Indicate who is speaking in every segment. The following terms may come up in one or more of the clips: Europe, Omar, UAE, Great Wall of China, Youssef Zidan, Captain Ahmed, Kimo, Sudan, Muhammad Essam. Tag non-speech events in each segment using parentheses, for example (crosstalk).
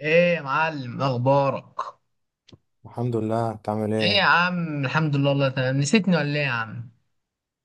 Speaker 1: ايه يا معلم، اخبارك؟
Speaker 2: الحمد لله. انت عامل
Speaker 1: ايه يا
Speaker 2: ايه؟
Speaker 1: عم، الحمد لله، الله تمام. نسيتني ولا ايه يا عم؟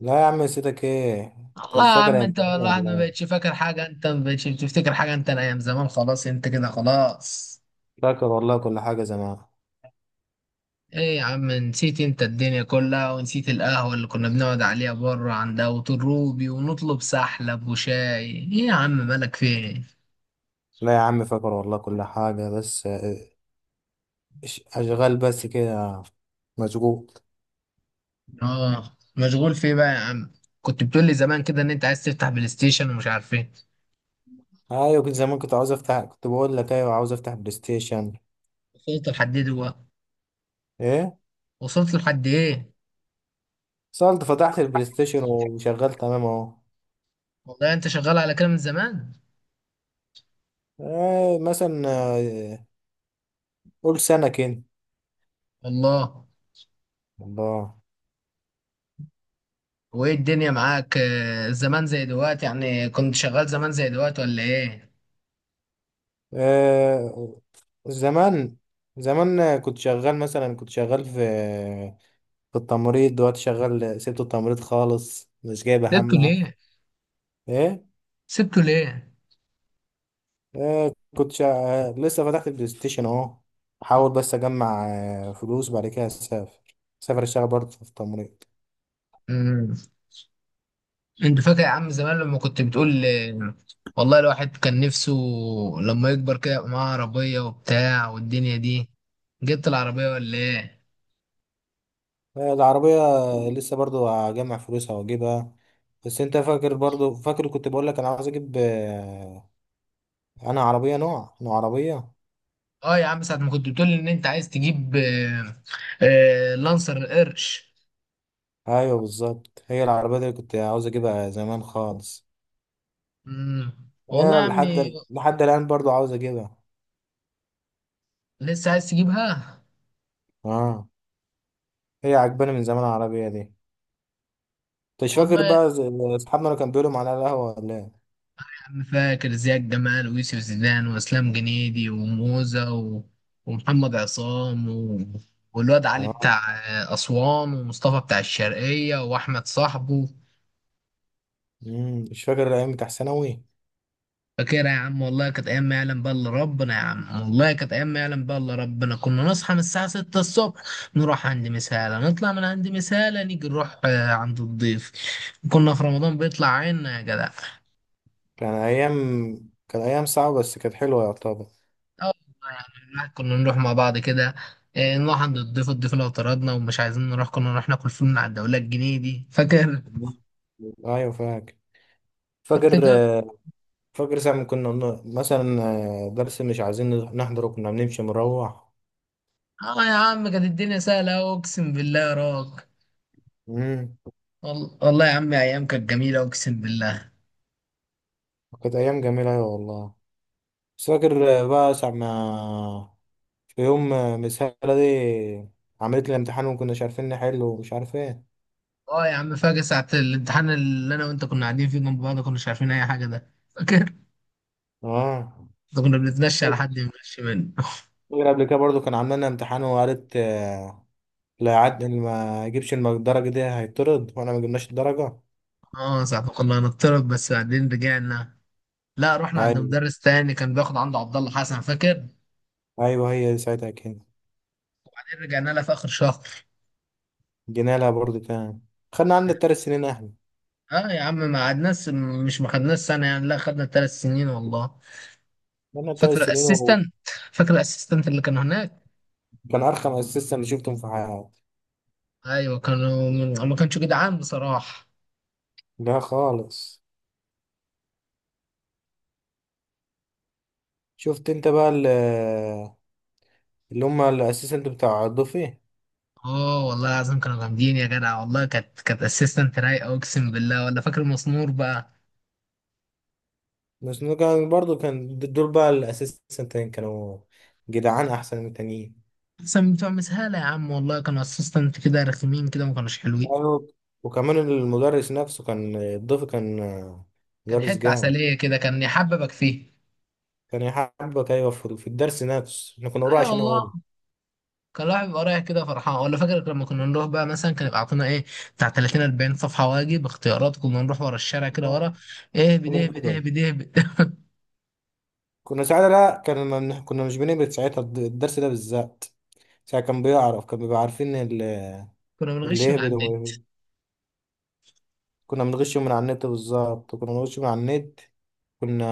Speaker 2: لا يا عم سيدك. ايه انت
Speaker 1: الله
Speaker 2: مش
Speaker 1: يا
Speaker 2: فاكر
Speaker 1: عم،
Speaker 2: يا
Speaker 1: انت
Speaker 2: امتحان؟
Speaker 1: والله ما
Speaker 2: والله
Speaker 1: بقتش فاكر حاجه، انت ما بقتش بتفتكر حاجه، انت الايام زمان خلاص، انت كده خلاص.
Speaker 2: فاكر والله كل حاجه زمان.
Speaker 1: ايه يا عم، نسيت انت الدنيا كلها، ونسيت القهوه اللي كنا بنقعد عليها بره عند ابو الروبي ونطلب سحلب وشاي؟ ايه يا عم، مالك فين؟
Speaker 2: لا يا عم، فاكر والله كل حاجه، بس اشغال بس كده، مشغول.
Speaker 1: اه، مشغول في ايه بقى يا عم؟ كنت بتقول لي زمان كده ان انت عايز تفتح بلاي ستيشن ومش عارف ايه.
Speaker 2: ايوه كنت زمان، كنت عاوز افتح، كنت بقول لك ايوه عاوز افتح بلاي ستيشن.
Speaker 1: وصلت لحد ايه دلوقتي؟
Speaker 2: ايه؟
Speaker 1: وصلت لحد ايه؟
Speaker 2: صلت، فتحت البلاي ستيشن وشغال تمام اهو.
Speaker 1: والله انت شغال على كده من زمان.
Speaker 2: ايه مثلا قول سنه كده.
Speaker 1: الله.
Speaker 2: الله.
Speaker 1: وايه الدنيا معاك زمان زي دلوقتي؟ يعني كنت شغال زمان زي دلوقتي ولا ايه؟
Speaker 2: ايه زمان. زمان كنت شغال مثلا، كنت شغال في التمريض. دلوقتي شغال، سبت التمريض خالص مش جايبه
Speaker 1: سبته
Speaker 2: همه.
Speaker 1: ليه؟
Speaker 2: ايه؟
Speaker 1: سبته ليه؟
Speaker 2: آه لسه فتحت البلاي ستيشن اهو. احاول بس اجمع فلوس، بعد كده اسافر، اسافر اشتغل برضه في التمريض.
Speaker 1: مم. انت فاكر يا عم زمان لما كنت بتقول والله الواحد كان نفسه لما يكبر كده يبقى معاه عربية وبتاع والدنيا دي. جبت العربية ولا ايه؟
Speaker 2: آه العربية. لسه برضه هجمع فلوسها واجيبها. بس انت فاكر؟ برضه فاكر كنت بقول لك انا عاوز اجيب انا عربية نوع عربية.
Speaker 1: اه يا عم، ساعة ما كنت بتقول ان انت عايز تجيب لانسر القرش.
Speaker 2: ايوه بالظبط، هي العربية دي اللي كنت عاوز اجيبها زمان خالص.
Speaker 1: مم. والله
Speaker 2: هي
Speaker 1: يا عمي،
Speaker 2: لحد الان برضه عاوز اجيبها.
Speaker 1: لسه عايز تجيبها.
Speaker 2: اه، هي عجباني من زمان العربية دي. انت مش فاكر
Speaker 1: والله
Speaker 2: بقى اصحابنا اللي كانوا بيقولوا معانا على القهوة ولا ايه؟
Speaker 1: انا فاكر زياد جمال ويوسف زيدان واسلام جنيدي وموزة و... ومحمد عصام و... والواد علي
Speaker 2: اه،
Speaker 1: بتاع اسوان، ومصطفى بتاع الشرقية واحمد صاحبه.
Speaker 2: مش فاكر الأيام بتاع ثانوي.
Speaker 1: فاكرها يا عم، والله كانت ايام ما يعلم بقى الا ربنا، يا عم والله كانت ايام ما يعلم بقى الا ربنا. كنا نصحى من الساعة 6 الصبح، نروح عند مسالة، نطلع من عند مسالة، نيجي نروح عند الضيف. كنا في رمضان بيطلع عنا يا جدع.
Speaker 2: كان أيام كان أيام صعبة بس كانت حلوة يعتبر.
Speaker 1: اه والله كنا نروح مع بعض كده. إيه، نروح عند الضيف، الضيف لو طردنا ومش عايزين نروح كنا نروح ناكل فول من على الدولة، الجنيه دي فاكر؟
Speaker 2: الله. أيوة
Speaker 1: (laughs) كنت
Speaker 2: فاكر
Speaker 1: كده.
Speaker 2: فاكر ساعة ما كنا مثلا درس مش عايزين نحضره كنا بنمشي مروح.
Speaker 1: اه يا عم، كانت الدنيا سهلة أهو، اقسم بالله يا راك.
Speaker 2: امم.
Speaker 1: والله يا عم ايام كانت جميلة، اقسم بالله.
Speaker 2: كانت أيام جميلة أيوة والله. بس فاكر بقى ساعة ما، في يوم مس هالة دي عملت لي امتحان وما كناش عارفين نحله ومش عارف ايه.
Speaker 1: اه يا عم، فاكر ساعة الامتحان اللي انا وانت كنا قاعدين فيه جنب بعض، كناش عارفين اي حاجة، ده فاكر؟
Speaker 2: اه
Speaker 1: (laughs) ده كنا بنتمشى على
Speaker 2: فاكر.
Speaker 1: حد يمشي منه (laughs)
Speaker 2: قبل كده برضو كان عاملنا امتحان وقالت لا يعد اللي ما يجيبش الدرجة دي هيطرد، وانا ما جبناش الدرجة.
Speaker 1: اه ساعة ما كنا هنضطرب، بس بعدين رجعنا. لا رحنا عند
Speaker 2: ايوه
Speaker 1: مدرس تاني كان بياخد عنده عبد الله حسن، فاكر؟
Speaker 2: ايوه، هي دي ساعتها كده.
Speaker 1: رجعنا لها في اخر شهر.
Speaker 2: جينا لها برضو تاني. خدنا عندنا
Speaker 1: يعني،
Speaker 2: التلات سنين احنا.
Speaker 1: اه يا عم ما قعدناش. مش ما خدناش سنه يعني، لا خدنا ثلاث سنين والله.
Speaker 2: خدنا التلات
Speaker 1: فاكر
Speaker 2: سنين، وكان
Speaker 1: الاسيستنت فاكر الاسيستنت اللي كانوا هناك؟
Speaker 2: ارخم اسيستنت اللي شفتهم في حياتي.
Speaker 1: ايوه كانوا من، ما كانش جدعان بصراحه.
Speaker 2: لا خالص. شفت انت بقى اللي هم الاسيستنت بتاع الضفي.
Speaker 1: اه والله العظيم كانوا جامدين يا جدع، والله كانت اسيستنت رايقه، اقسم بالله. ولا فاكر مسنور بقى؟
Speaker 2: بس إنه كان برضو دول بقى الاسيستنتين كانوا جدعان احسن من التانيين.
Speaker 1: احسن من بتوع مسهاله يا عم، والله كانوا اسيستنت كده رخمين كده، ما كانوش حلوين.
Speaker 2: أيوة. وكمان المدرس نفسه كان الضيف، كان
Speaker 1: كان
Speaker 2: مدرس
Speaker 1: حته
Speaker 2: جامد.
Speaker 1: عسليه كده، كان يحببك فيه.
Speaker 2: كان يحبك، ايوه، في الدرس نفسه احنا كنا بنروح
Speaker 1: ايوه
Speaker 2: عشان
Speaker 1: والله.
Speaker 2: هو.
Speaker 1: كان الواحد بيبقى رايح كده فرحان. ولا فاكر لما كنا نروح بقى مثلا كان يبقى عطونا ايه، بتاع 30 40 صفحه واجب اختيارات؟ كنا نروح ورا الشارع كده،
Speaker 2: آه.
Speaker 1: ورا. ايه بده، إيه بده، إيه
Speaker 2: ونهبطه.
Speaker 1: بده، إيه بده.
Speaker 2: كنا ساعتها، لا، كنا مش بنهبط ساعتها الدرس ده بالذات. ساعتها كان بيعرف، كان بيبقى عارفين
Speaker 1: (laughs) كنا
Speaker 2: اللي
Speaker 1: بنغش من
Speaker 2: يهبط
Speaker 1: عندنا.
Speaker 2: كنا بنغش من على النت. بالظبط كنا بنغش من على النت، كنا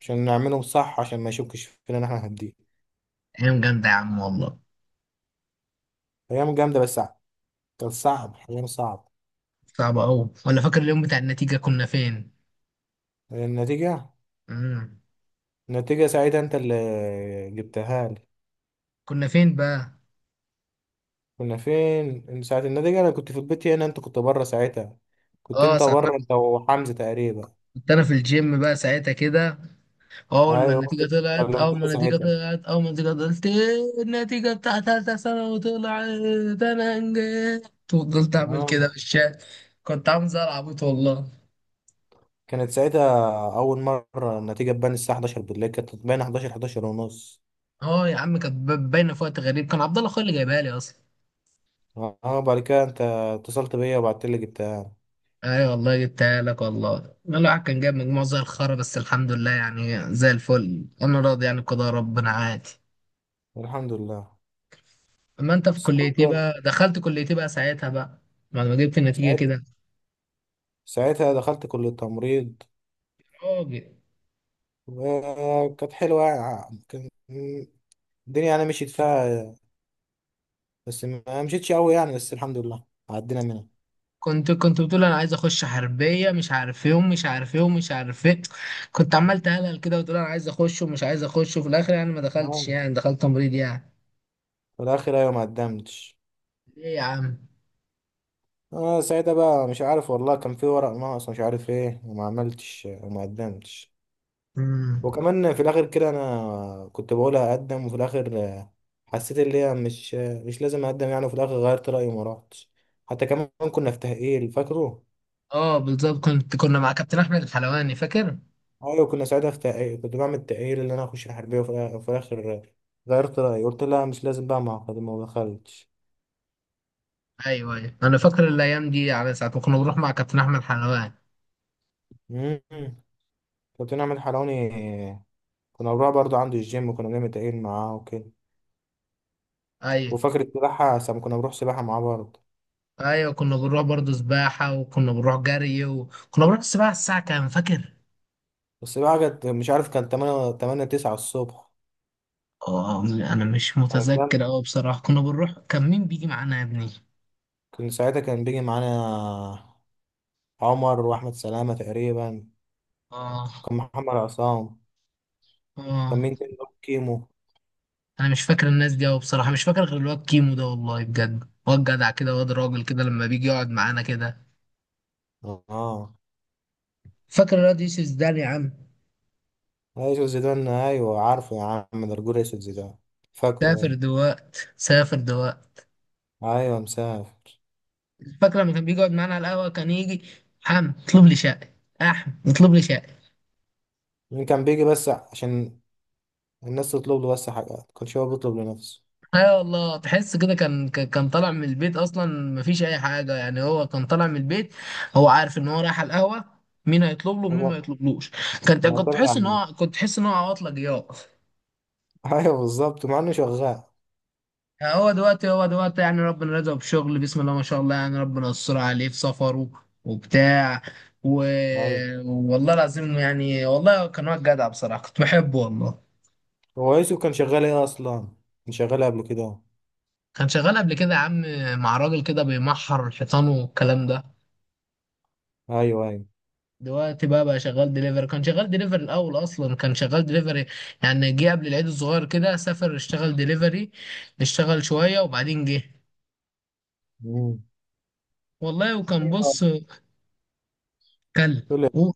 Speaker 2: عشان نعملهم صح، عشان ما يشكش فينا ان احنا هنديه.
Speaker 1: ايام جامده يا عم والله.
Speaker 2: ايام جامده بس صعب. كان صعب، ايام صعب.
Speaker 1: صعبه قوي. ولا فاكر اليوم بتاع النتيجه كنا فين؟
Speaker 2: النتيجه.
Speaker 1: امم.
Speaker 2: النتيجة ساعتها انت اللي جبتها لي.
Speaker 1: كنا فين بقى؟
Speaker 2: كنا فين ساعة النتيجة؟ انا كنت في البيت هنا، انت كنت بره ساعتها، كنت
Speaker 1: اه
Speaker 2: انت
Speaker 1: ساعتها.
Speaker 2: بره انت وحمزة تقريبا.
Speaker 1: كنت انا في الجيم بقى ساعتها كده.
Speaker 2: ايوه كنت كلمتني ساعتها.
Speaker 1: اول ما النتيجه طلعت، إيه النتيجه بتاعت ثالثه ثانوي طلعت، انا نجحت وفضلت اعمل
Speaker 2: اه
Speaker 1: كده في الشارع. كنت عامل زي العبيط والله.
Speaker 2: كانت ساعتها اول مرة النتيجة تبان الساعة 11 بالليل، كانت تبان 11 11 ونص.
Speaker 1: اه يا عم، كانت باينه في وقت غريب، كان عبد الله اخويا اللي جايبها لي اصلا.
Speaker 2: اه بعد كده انت اتصلت بيا وبعت لي جبتها.
Speaker 1: اي والله جبتها لك. والله الواحد كان جايب مجموع زي الخرا، بس الحمد لله يعني زي الفل، انا راضي يعني بقضاء ربنا عادي.
Speaker 2: الحمد لله.
Speaker 1: اما انت في
Speaker 2: بس
Speaker 1: كليتي
Speaker 2: برضه
Speaker 1: بقى، دخلت كليتي بقى ساعتها بقى بعد ما جبت النتيجه
Speaker 2: ساعتها
Speaker 1: كده،
Speaker 2: ساعتها دخلت كلية التمريض.
Speaker 1: راجل.
Speaker 2: وكانت حلوة يعني. الدنيا يعني مشيت فيها، بس ما مشيتش قوي يعني، بس الحمد لله عدينا منها.
Speaker 1: كنت بتقول انا عايز اخش حربيه مش عارف ايه، ومش عارف ايه، ومش عارف ايه. كنت عمال تهلل كده وتقول انا عايز اخش ومش عايز اخش، وفي الاخر يعني ما
Speaker 2: اه
Speaker 1: دخلتش يعني، دخلت تمريض يعني.
Speaker 2: في الاخر ايوه ما قدمتش.
Speaker 1: ليه يا عم؟
Speaker 2: اه ساعتها بقى مش عارف والله، كان في ورق ناقص مش عارف ايه، وما عملتش وما قدمتش.
Speaker 1: امم.
Speaker 2: وكمان في الاخر كده انا كنت بقول هقدم، وفي الاخر حسيت اللي هي مش مش لازم اقدم يعني، وفي الاخر غيرت رايي وما رحتش. حتى كمان كنا في تاهيل فاكره.
Speaker 1: اه بالظبط، كنا مع كابتن احمد الحلواني، فاكر؟
Speaker 2: ايوه كنا ساعتها في تاهيل، كنت بعمل تاهيل ان انا اخش الحربيه، وفي الاخر غيرت رايي قلت لا مش لازم بقى، ما دخلتش.
Speaker 1: ايوه ايوه، انا فاكر الايام دي، على ساعه ما كنا بنروح مع كابتن احمد الحلواني.
Speaker 2: مم. كابتن أحمد حرامي. كنا بنروح برضه عنده الجيم، وكنا بنعمل تمرين معاه وكده.
Speaker 1: ايوه
Speaker 2: وفاكر السباحة ساعة ما كنا بنروح سباحة معاه برضه.
Speaker 1: ايوه كنا بنروح برضه سباحه، وكنا بنروح جري، وكنا بنروح السباحه الساعه كام فاكر؟
Speaker 2: السباحة كانت مش عارف، كان تمانية، تمانية تسعة الصبح.
Speaker 1: اه انا مش
Speaker 2: كانت جامدة.
Speaker 1: متذكر اوي بصراحه، كنا بنروح. كان مين بيجي معانا يا ابني؟
Speaker 2: كان ساعتها كان بيجي معانا عمر وأحمد سلامة تقريبا.
Speaker 1: اه.
Speaker 2: كان محمد عصام. كان
Speaker 1: اه
Speaker 2: مين تاني برضه؟ كيمو.
Speaker 1: انا مش فاكر الناس دي اوي بصراحه، مش فاكر غير الواد كيمو ده، والله بجد واد جدع كده، واد راجل كده لما بيجي يقعد معانا كده.
Speaker 2: اه.
Speaker 1: فاكر الواد يوسف زدان يا عم؟
Speaker 2: أيوة يوسف زيدان، أيوه عارفه يا عم، ده رجول أسود زيدان. فاكره
Speaker 1: سافر
Speaker 2: أيوه.
Speaker 1: دلوقت، سافر دلوقت.
Speaker 2: أيوه مسافر.
Speaker 1: فاكر لما كان بيجي يقعد معانا على القهوه، كان يجي. اطلب لي شقه. اطلب لي شقه.
Speaker 2: مين كان بيجي بس عشان الناس تطلب له بس حاجات؟ كان هو بيطلب لنفسه،
Speaker 1: ايوه والله تحس كده كان كان طالع من البيت اصلا. مفيش اي حاجه يعني، هو كان طالع من البيت، هو عارف ان هو رايح على القهوه، مين هيطلب له ومين ما يطلبلوش. كنت
Speaker 2: معتمد على
Speaker 1: تحس ان هو،
Speaker 2: النفس.
Speaker 1: عواطله جياع.
Speaker 2: (laughs) ايوه بالظبط مع انه شغال.
Speaker 1: هو دلوقتي يعني ربنا رزقه بشغل، بسم الله ما شاء الله، يعني ربنا يستر عليه في سفره وبتاع و...
Speaker 2: ايوه،
Speaker 1: والله العظيم يعني، والله كان واد جدع بصراحة، كنت بحبه والله.
Speaker 2: هو يوسف كان شغال ايه اصلا؟ كان شغال قبل كده أهو.
Speaker 1: كان شغال قبل كده يا عم مع راجل كده بيمحر الحيطان والكلام ده.
Speaker 2: ايوه ايوه.
Speaker 1: دلوقتي بقى شغال دليفري، كان شغال دليفري الأول، أصلا كان شغال دليفري. يعني جه قبل العيد الصغير كده سافر اشتغل دليفري، اشتغل شوية وبعدين جه.
Speaker 2: امم.
Speaker 1: والله وكان
Speaker 2: ايوه.
Speaker 1: بص، كلب.
Speaker 2: تقول ايه؟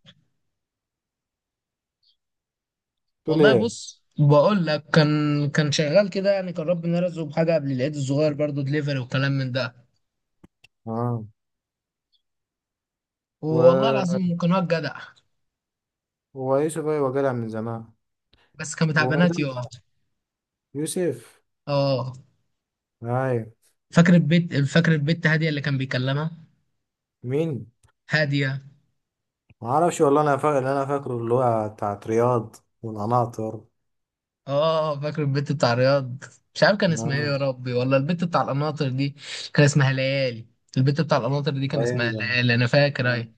Speaker 2: تقول
Speaker 1: والله
Speaker 2: ايه؟
Speaker 1: بص بقول لك، كان كان شغال كده يعني، كان ربنا رزقه بحاجه قبل العيد الصغير برضه دليفري وكلام من ده.
Speaker 2: اه
Speaker 1: والله
Speaker 2: و...
Speaker 1: العظيم كان واد جدع.
Speaker 2: هو يوسف ايوه جدع من زمان.
Speaker 1: بس كان بتاع
Speaker 2: وما زال
Speaker 1: بنات يا.
Speaker 2: جدع. يوسف.
Speaker 1: اه
Speaker 2: ايوه.
Speaker 1: فاكر البيت فاكر البت هاديه اللي كان بيكلمها؟
Speaker 2: مين؟
Speaker 1: هاديه.
Speaker 2: ما اعرفش والله، انا فاكر اللي انا فاكره اللي هو بتاعت رياض والقناطر.
Speaker 1: اه فاكر البت بتاع رياض؟ مش عارف كان اسمها ايه
Speaker 2: اه
Speaker 1: يا ربي، ولا البت بتاع القناطر دي كان اسمها ليالي؟ البت بتاع القناطر دي
Speaker 2: ده
Speaker 1: كان اسمها
Speaker 2: يعني.
Speaker 1: ليالي، انا فاكر
Speaker 2: آه.
Speaker 1: اهي.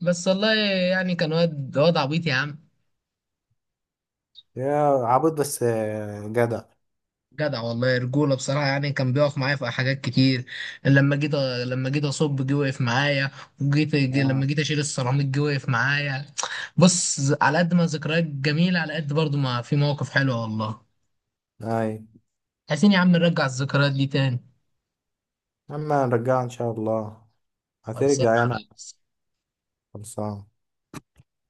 Speaker 1: بس والله، يعني كان واد عبيط يا عم.
Speaker 2: يا عبود بس جدع.
Speaker 1: جدع والله، رجوله بصراحه، يعني كان بيقف معايا في حاجات كتير. لما جيت لما جيت اصب، جه وقف معايا.
Speaker 2: اه.
Speaker 1: لما جيت اشيل السيراميك جه وقف معايا. بص، على قد ما ذكريات جميله، على قد برضو ما في مواقف حلوه والله.
Speaker 2: اي.
Speaker 1: عايزين يا عم نرجع الذكريات دي تاني.
Speaker 2: اما نرجعها ان شاء الله.
Speaker 1: خلصانه
Speaker 2: هترجع
Speaker 1: يا
Speaker 2: يعني.
Speaker 1: ريس.
Speaker 2: خلصان.